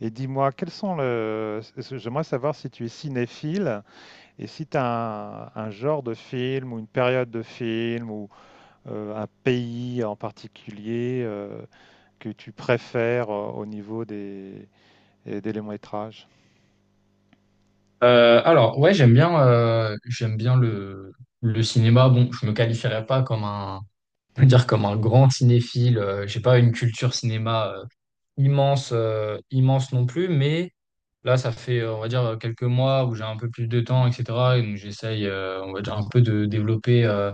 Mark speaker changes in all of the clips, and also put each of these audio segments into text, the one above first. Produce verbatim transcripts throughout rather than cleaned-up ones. Speaker 1: Et dis-moi, quels sont le... j'aimerais savoir si tu es cinéphile et si tu as un, un genre de film ou une période de film ou euh, un pays en particulier euh, que tu préfères euh, au niveau des, et des longs-métrages.
Speaker 2: Euh, alors, ouais, j'aime bien, euh, j'aime bien le, le cinéma. Bon, je me qualifierais pas comme un, je veux dire comme un grand cinéphile. Euh, j'ai pas une culture cinéma euh, immense, euh, immense non plus. Mais là, ça fait, euh, on va dire, quelques mois où j'ai un peu plus de temps, et cetera. Et donc, j'essaye, euh, on va dire, un peu de développer. euh,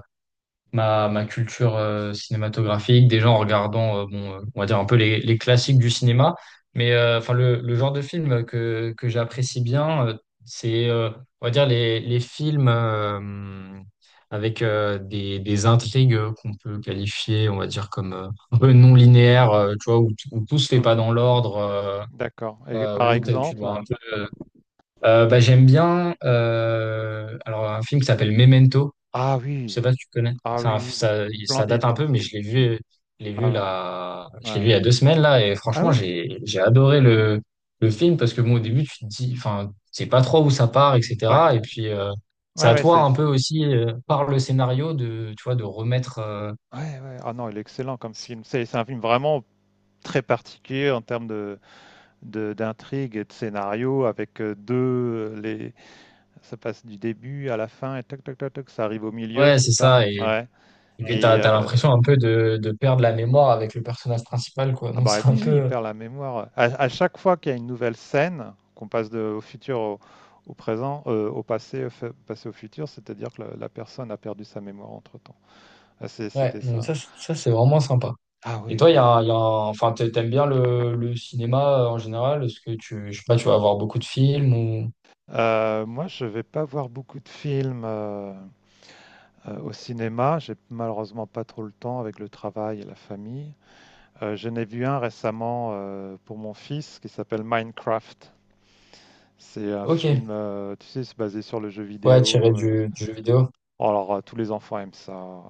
Speaker 2: ma, ma culture euh, cinématographique, déjà en regardant, euh, bon, euh, on va dire un peu les, les classiques du cinéma, mais euh, enfin le, le genre de film que, que j'apprécie bien, euh, c'est, euh, on va dire, les, les films euh, avec euh, des, des intrigues qu'on peut qualifier, on va dire, comme euh, un peu non linéaires, euh, tu vois, où, t- où tout se fait pas
Speaker 1: Mhm.
Speaker 2: dans l'ordre. euh,
Speaker 1: D'accord. Et
Speaker 2: euh,
Speaker 1: par
Speaker 2: où t'as- tu
Speaker 1: exemple,
Speaker 2: dois un
Speaker 1: un-
Speaker 2: peu. Euh, bah, j'aime bien euh, alors un film qui s'appelle Memento,
Speaker 1: ah
Speaker 2: je
Speaker 1: oui,
Speaker 2: sais pas si tu connais.
Speaker 1: ah
Speaker 2: Ça
Speaker 1: oui, oui, oui.
Speaker 2: ça, ça
Speaker 1: Splendide
Speaker 2: date un
Speaker 1: comme
Speaker 2: peu, mais
Speaker 1: film.
Speaker 2: je l'ai vu, je l'ai vu
Speaker 1: Ah ouais,
Speaker 2: là, je
Speaker 1: ouais,
Speaker 2: l'ai vu il y
Speaker 1: ouais.
Speaker 2: a deux semaines là, et
Speaker 1: Ah
Speaker 2: franchement,
Speaker 1: oui?
Speaker 2: j'ai, j'ai adoré le, le film parce que bon, au début, tu te dis, enfin, c'est pas trop où ça part,
Speaker 1: Ouais,
Speaker 2: et cetera. Et puis, euh, c'est
Speaker 1: ouais,
Speaker 2: à
Speaker 1: ouais,
Speaker 2: toi
Speaker 1: c'est.
Speaker 2: un peu aussi, euh, par le scénario, de, tu vois, de remettre, euh,
Speaker 1: ouais, ouais. Ah non, il est excellent comme film. C'est c'est un film vraiment très particulier en termes de, de, d'intrigue et de scénario. Avec euh, deux, euh, les, ça passe du début à la fin et toc toc toc toc, ça arrive au milieu,
Speaker 2: ouais,
Speaker 1: c'est
Speaker 2: c'est
Speaker 1: ça?
Speaker 2: ça, et,
Speaker 1: Ouais.
Speaker 2: et puis ouais.
Speaker 1: Et
Speaker 2: T'as, t'as
Speaker 1: euh,
Speaker 2: l'impression un peu de, de perdre la mémoire avec le personnage principal, quoi.
Speaker 1: ah
Speaker 2: Donc,
Speaker 1: bah
Speaker 2: c'est un
Speaker 1: oui, oui, il
Speaker 2: peu,
Speaker 1: perd la mémoire. À, à chaque fois qu'il y a une nouvelle scène, qu'on passe de, au futur au, au présent, euh, au passé, au fa- passé au futur, c'est-à-dire que la, la personne a perdu sa mémoire entre-temps. Ah, c'est-
Speaker 2: ouais,
Speaker 1: c'était
Speaker 2: donc
Speaker 1: ça.
Speaker 2: ça, c'est- ça, c'est vraiment sympa.
Speaker 1: Ah
Speaker 2: Et
Speaker 1: oui,
Speaker 2: toi, il y a
Speaker 1: ouais.
Speaker 2: un, il y a un- enfin, t'a- t'aimes bien le, le cinéma euh, en général? Est-ce que tu, je sais pas, tu vas avoir beaucoup de films ou...
Speaker 1: Euh, moi, je vais pas voir beaucoup de films euh, euh, au cinéma. J'ai malheureusement pas trop le temps avec le travail et la famille. Euh, j'en ai vu un récemment euh, pour mon fils qui s'appelle Minecraft. C'est un
Speaker 2: Ok,
Speaker 1: film, euh, tu sais, c'est basé sur le jeu
Speaker 2: ouais, tiré
Speaker 1: vidéo. euh.
Speaker 2: du, du jeu vidéo.
Speaker 1: Alors, euh, tous les enfants aiment ça. Euh,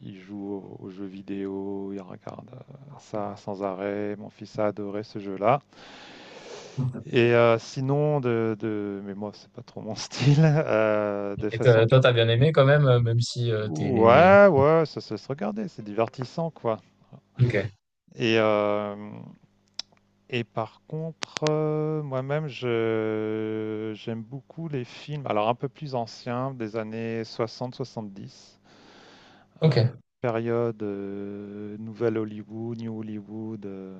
Speaker 1: Ils jouent au- aux jeux vidéo, ils regardent euh, ça sans arrêt. Mon fils a adoré ce jeu-là. Et euh, sinon, de, de- mais moi, c'est pas trop mon style, euh, de
Speaker 2: Et
Speaker 1: façon...
Speaker 2: toi,
Speaker 1: per-
Speaker 2: toi, t'as bien aimé quand même, euh, même si euh, t'es...
Speaker 1: ouais, ouais, ça, ça se regarder, c'est divertissant, quoi.
Speaker 2: Ok,
Speaker 1: Et, euh, Et par contre, euh, moi-même, je j'aime beaucoup les films, alors un peu plus anciens, des années soixante, soixante-dix,
Speaker 2: ok,
Speaker 1: période euh, Nouvelle Hollywood, New Hollywood, euh,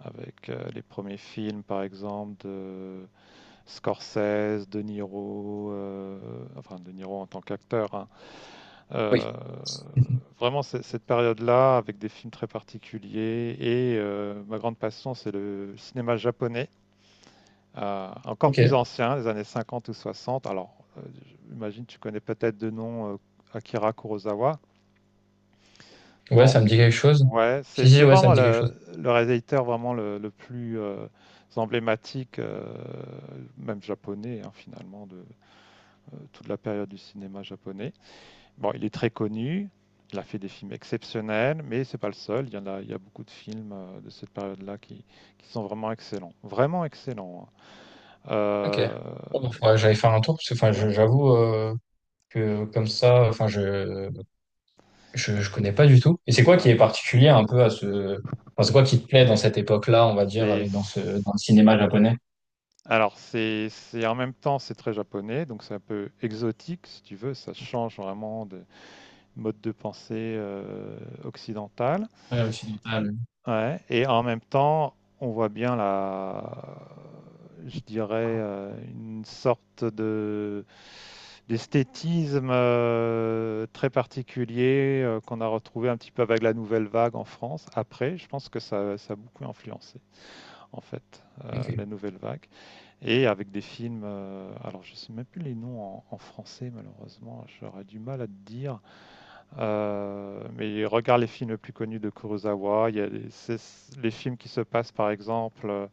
Speaker 1: avec euh, les premiers films, par exemple, de Scorsese, De Niro, euh, enfin De Niro en tant qu'acteur, hein.
Speaker 2: oui.
Speaker 1: Euh, Vraiment, c'est- cette période-là, avec des films très particuliers, et euh, ma grande passion, c'est le cinéma japonais. Euh, encore
Speaker 2: Ok,
Speaker 1: plus ancien, des années cinquante ou soixante. Alors, euh, j'imagine que tu connais peut-être de nom euh, Akira Kurosawa.
Speaker 2: ouais,
Speaker 1: Non.
Speaker 2: ça me dit quelque chose.
Speaker 1: Ouais, c'est
Speaker 2: Si, si,
Speaker 1: c'est
Speaker 2: ouais, ça me
Speaker 1: vraiment
Speaker 2: dit quelque
Speaker 1: le,
Speaker 2: chose.
Speaker 1: le réalisateur vraiment le, le plus euh, emblématique, euh, même japonais hein, finalement, de euh, toute la période du cinéma japonais. Bon, il est très connu, il a fait des films exceptionnels, mais c'est pas le seul. Il y en a, il y a beaucoup de films euh, de cette période-là qui, qui sont vraiment excellents, vraiment excellents. Hein.
Speaker 2: Ok.
Speaker 1: Euh,
Speaker 2: Bon, faudrait que j'aille faire un tour, parce que enfin,
Speaker 1: ouais,
Speaker 2: je- j'avoue euh, que comme ça, enfin, je, Je, je connais pas du tout. Et c'est quoi qui
Speaker 1: ouais.
Speaker 2: est particulier un peu à ce... Enfin, c'est quoi qui te plaît dans cette époque-là, on va dire,
Speaker 1: C'est
Speaker 2: et dans ce, dans le cinéma japonais?
Speaker 1: alors c'est c'est en même temps, c'est très japonais, donc c'est un peu exotique si tu veux, ça change vraiment de mode de pensée, heu, occidental.
Speaker 2: Ouais, occidental.
Speaker 1: Ouais, et en même temps, on voit bien la je dirais, heu, une sorte de d'esthétisme, heu, très particulier, heu, qu'on a retrouvé un petit peu avec la nouvelle vague en France. Après, je pense que ça ça a beaucoup influencé en fait, heu,
Speaker 2: Ok.
Speaker 1: la nouvelle vague. Et avec des films, euh, alors je ne sais même plus les noms en, en français malheureusement, j'aurais du mal à te dire. Euh, mais regarde les films les plus connus de Kurosawa. Il y a les, les films qui se passent par exemple euh,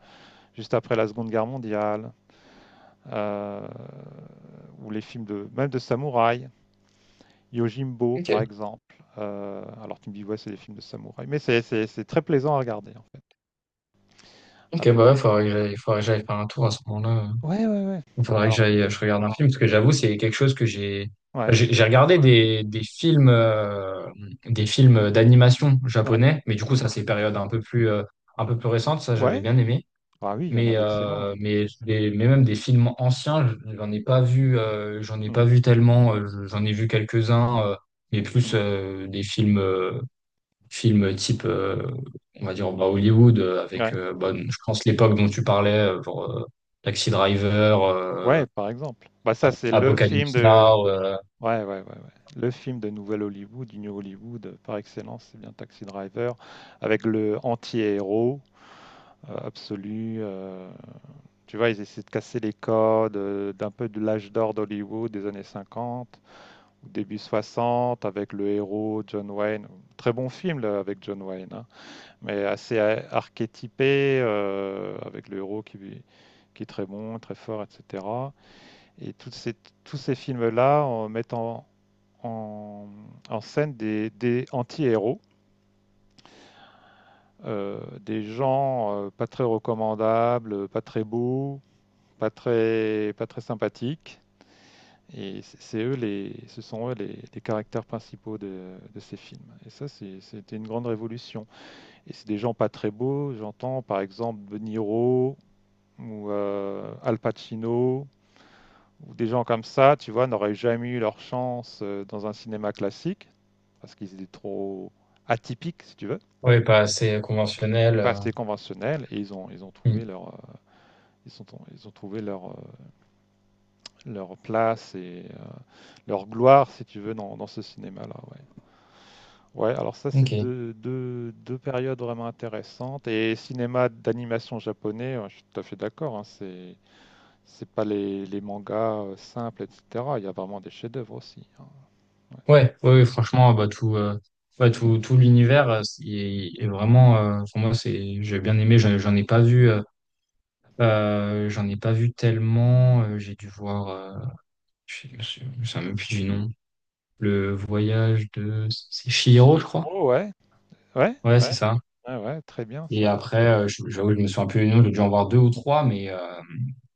Speaker 1: juste après la Seconde Guerre mondiale, euh, ou les films de même de samouraï, Yojimbo
Speaker 2: Ok.
Speaker 1: par exemple. Euh, alors tu me dis ouais c'est des films de samouraï, mais c'est c'est- c'est très plaisant à regarder en fait.
Speaker 2: Ok,
Speaker 1: Avec
Speaker 2: bah ouais,
Speaker 1: des...
Speaker 2: faudrait que j'aille, faudrait que j'aille faire un tour à ce moment-là.
Speaker 1: ouais ouais ouais.
Speaker 2: Il faudrait que
Speaker 1: Alors
Speaker 2: j'aille, je regarde un film, parce que j'avoue, c'est quelque chose que j'ai, enfin,
Speaker 1: ouais
Speaker 2: j'ai j'ai regardé des, des films, euh, des films d'animation
Speaker 1: ouais.
Speaker 2: japonais, mais du coup, ça,
Speaker 1: Mhm.
Speaker 2: c'est période un peu plus, euh, un peu plus récente, ça, j'avais
Speaker 1: Ouais.
Speaker 2: bien aimé.
Speaker 1: Ah oui, il y en
Speaker 2: Mais,
Speaker 1: a d'excellents.
Speaker 2: euh,
Speaker 1: Ouais.
Speaker 2: mais, des- mais même des films anciens, j'en ai pas vu, euh, j'en ai
Speaker 1: Mmh
Speaker 2: pas
Speaker 1: mh.
Speaker 2: vu tellement. Euh, j'en ai vu quelques-uns, euh, mais plus
Speaker 1: Mmh.
Speaker 2: euh, des films, euh, films type, euh, on va dire, bah, Hollywood, euh, avec,
Speaker 1: Ouais.
Speaker 2: euh, bah, je pense, l'époque dont tu parlais, euh, genre euh, Taxi Driver, euh,
Speaker 1: Ouais, par exemple. Bah, ça, c'est le film
Speaker 2: Apocalypse
Speaker 1: de...
Speaker 2: Now, euh,
Speaker 1: Ouais, ouais, ouais, ouais. Le film de nouvelle Hollywood, du New Hollywood, heu, par excellence, c'est bien Taxi Driver, avec le anti-héros, heu, absolu, heu, tu vois? Ils essaient de casser les codes, heu, d'un peu de l'âge d'or d'Hollywood des années cinquante, ou début soixante, avec le héros John Wayne. Très bon film, là, avec John Wayne, hein, mais assez a archétypé, heu, avec le héros qui qui est très bon, très fort et cetera. Et toutes ces- Tous ces films-là en mettent en, en- en scène des, des anti-héros, euh, des gens euh, pas très recommandables, pas très beaux, pas très, pas très sympathiques. Et c- c'est eux les, ce sont eux les, les caractères principaux de, de ces films. Et ça, c'est- c'était une grande révolution. Et c'est des gens pas très beaux. J'entends par exemple De Niro ou euh, Al Pacino. Ou des gens comme ça, tu vois, n'auraient jamais eu leur chance euh, dans un cinéma classique, parce qu'ils étaient trop atypiques, si tu veux,
Speaker 2: ouais, pas assez conventionnel.
Speaker 1: pas
Speaker 2: euh.
Speaker 1: assez conventionnels, et ils ont, ils ont
Speaker 2: Hmm.
Speaker 1: trouvé leur, euh, ils sont, ils ont trouvé leur, euh, leur place et euh, leur gloire, si tu veux, dans, dans ce cinéma-là. Ouais. Ouais, alors ça, c'est
Speaker 2: Ok.
Speaker 1: deux, deux, deux périodes vraiment intéressantes. Et cinéma d'animation japonais, ouais, je suis tout à fait d'accord, hein, c'est, c'est pas les, les mangas euh, simples, et cetera. Il y a vraiment des chefs-d'œuvre aussi. Hein, ouais.
Speaker 2: Ouais, ouais, ouais, franchement, bah, tout, euh, ouais, tout, tout l'univers euh, c'est- est, vraiment, euh, pour moi, c'est, j'ai bien aimé, j'en, j'en ai pas vu, euh, euh, j'en ai pas vu tellement, euh, j'ai dû voir, euh, je sais je me souviens- je me souviens même plus du nom, le voyage de, c'est Chihiro, je crois.
Speaker 1: Chihiro, ouais, ouais,
Speaker 2: Ouais, c'est
Speaker 1: ouais.
Speaker 2: ça.
Speaker 1: Ouais, ouais, très bien
Speaker 2: Et
Speaker 1: ça.
Speaker 2: après, euh, je- j'avoue, je me souviens plus du nom, j'ai dû en voir deux ou trois, mais, euh,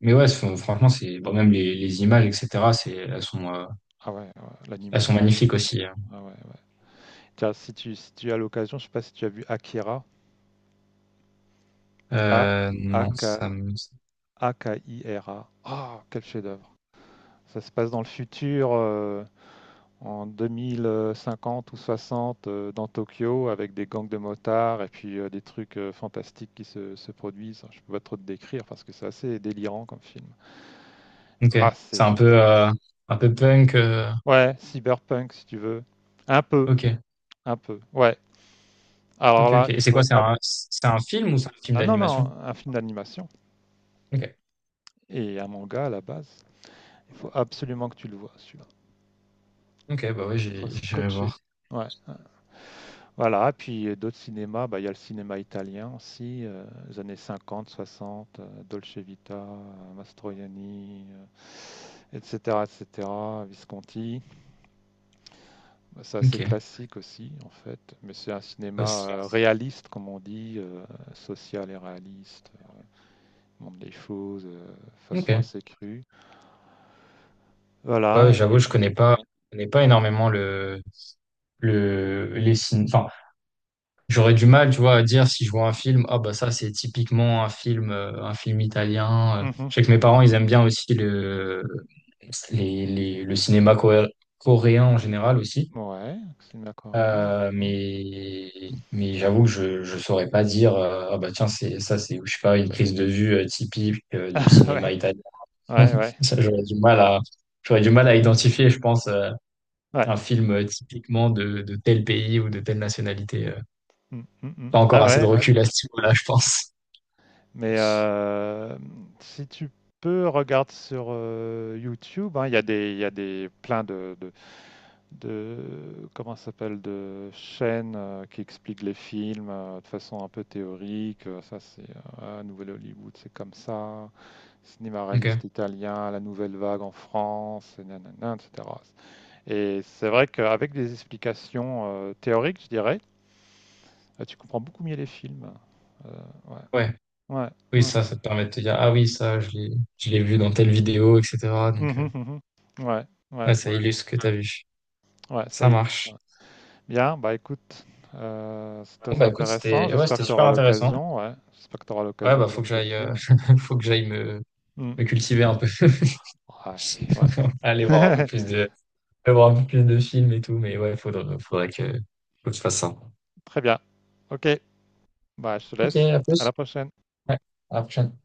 Speaker 2: mais ouais, c'est- franchement, c'est, bon, même les, les images, et cetera, c'est, elles sont, euh,
Speaker 1: Ah ouais, ouais,
Speaker 2: elles sont
Speaker 1: l'animation. et
Speaker 2: magnifiques aussi. Hein.
Speaker 1: Ah ouais, ouais. Tiens, si tu, si tu as l'occasion, je sais pas si tu as vu Akira. A
Speaker 2: Euh,
Speaker 1: A
Speaker 2: non,
Speaker 1: K
Speaker 2: ça me,
Speaker 1: A K I R A. Ah, quel chef-d'œuvre. Ça se passe dans le futur, euh, en deux mille cinquante ou soixante, euh, dans Tokyo, avec des gangs de motards et puis euh, des trucs euh, fantastiques qui se, se produisent. Je peux pas trop te décrire parce que c'est assez délirant comme film.
Speaker 2: ok,
Speaker 1: Ah, c'est...
Speaker 2: c'est un
Speaker 1: gé-
Speaker 2: peu, euh, un peu punk. euh,
Speaker 1: ouais, cyberpunk si tu veux. Un peu,
Speaker 2: Ok,
Speaker 1: un peu. Ouais, Alors
Speaker 2: ok, ok.
Speaker 1: là, il
Speaker 2: Et c'est
Speaker 1: faut
Speaker 2: quoi? C'est
Speaker 1: ab-
Speaker 2: un, c'est un film ou c'est un film
Speaker 1: ah non, non,
Speaker 2: d'animation?
Speaker 1: un film d'animation
Speaker 2: Ok,
Speaker 1: et un manga à la base. Il faut absolument que tu le vois, celui-là.
Speaker 2: ok, bah ouais,
Speaker 1: Là, tu seras
Speaker 2: j'ai- j'irai
Speaker 1: scotché.
Speaker 2: voir.
Speaker 1: Ouais, ouais. Voilà, puis euh, d'autres cinémas, bah, il y a le cinéma italien aussi, euh, les années cinquante, soixante, euh, Dolce Vita, euh, Mastroianni, euh, et cetera, et cetera, Visconti. Bah, c'est assez
Speaker 2: Ok,
Speaker 1: classique aussi, en fait, mais c'est un cinéma
Speaker 2: ouais, c'est-
Speaker 1: euh, réaliste, comme on dit, euh, social et réaliste, montre des choses euh, de
Speaker 2: ok.
Speaker 1: façon assez crue.
Speaker 2: Bah ouais,
Speaker 1: Voilà. Et
Speaker 2: j'avoue, je connais pas, je connais pas énormément le, le, les signes. Enfin, j'aurais du mal, tu vois, à dire si je vois un film, ah bah ça, c'est typiquement un film, euh, un film italien. euh.
Speaker 1: mmh mh.
Speaker 2: Je sais que mes parents, ils aiment bien aussi le, les, les- le cinéma coré- coréen en général aussi.
Speaker 1: Ouais, cinéma coréen.
Speaker 2: Euh,
Speaker 1: Mmh.
Speaker 2: mais mais j'avoue que je je saurais pas dire euh, ah bah tiens c'est ça c'est je sais pas une prise de vue euh, typique euh, du cinéma
Speaker 1: Ouais,
Speaker 2: italien
Speaker 1: ouais, ouais,
Speaker 2: ça j'aurais du mal à j'aurais du mal à identifier je pense euh,
Speaker 1: ouais.
Speaker 2: un film euh, typiquement de de tel pays ou de telle nationalité euh.
Speaker 1: Mmh, mmh mh.
Speaker 2: Pas encore
Speaker 1: Ah
Speaker 2: assez de
Speaker 1: ouais, ouais.
Speaker 2: recul à ce niveau-là je pense.
Speaker 1: Mais hem, si tu peux, regarde sur, heu, YouTube, hein, il y a des il y a des plein de de de comment ça s'appelle? De chaînes, heu, qui expliquent les films, heu, de façon un peu théorique, heu, ça c'est, euh, ah, Nouvelle Hollywood, c'est comme ça, cinéma réaliste
Speaker 2: Ok
Speaker 1: italien, la nouvelle vague en France et na et cetera. Et c'est vrai qu'avec des explications euh, théoriques, je dirais, euh, tu comprends beaucoup mieux les films. Euh, ouais,
Speaker 2: ouais,
Speaker 1: ouais,
Speaker 2: oui
Speaker 1: ouais.
Speaker 2: ça ça te permet de te dire ah oui ça je l'ai je l'ai vu dans telle vidéo etc donc euh,
Speaker 1: Mhm, mhm. Ouais, ouais,
Speaker 2: ouais
Speaker 1: ça,
Speaker 2: ça illustre ce que t'as vu.
Speaker 1: ouais, ça
Speaker 2: Ça
Speaker 1: illustre.
Speaker 2: marche.
Speaker 1: Bien, bah écoute, euh, c'est
Speaker 2: Bon
Speaker 1: très
Speaker 2: bah écoute
Speaker 1: intéressant.
Speaker 2: c'était ouais
Speaker 1: J'espère
Speaker 2: c'était
Speaker 1: que tu
Speaker 2: super
Speaker 1: auras
Speaker 2: intéressant.
Speaker 1: l'occasion, ouais. J'espère que tu auras
Speaker 2: Ouais,
Speaker 1: l'occasion
Speaker 2: bah,
Speaker 1: de
Speaker 2: faut
Speaker 1: voir
Speaker 2: que
Speaker 1: ces
Speaker 2: j'aille, euh,
Speaker 1: films.
Speaker 2: faut que j'aille me,
Speaker 1: Mm.
Speaker 2: me cultiver un peu.
Speaker 1: Ouais,
Speaker 2: Aller voir un peu
Speaker 1: ouais.
Speaker 2: plus de, aller voir un peu plus de films et tout, mais ouais, faudrait, faudrait que, faut que je fasse ça.
Speaker 1: Très bien. Ok, bah je te
Speaker 2: Ok,
Speaker 1: laisse.
Speaker 2: à
Speaker 1: À la
Speaker 2: plus.
Speaker 1: prochaine.
Speaker 2: Ouais, à la prochaine.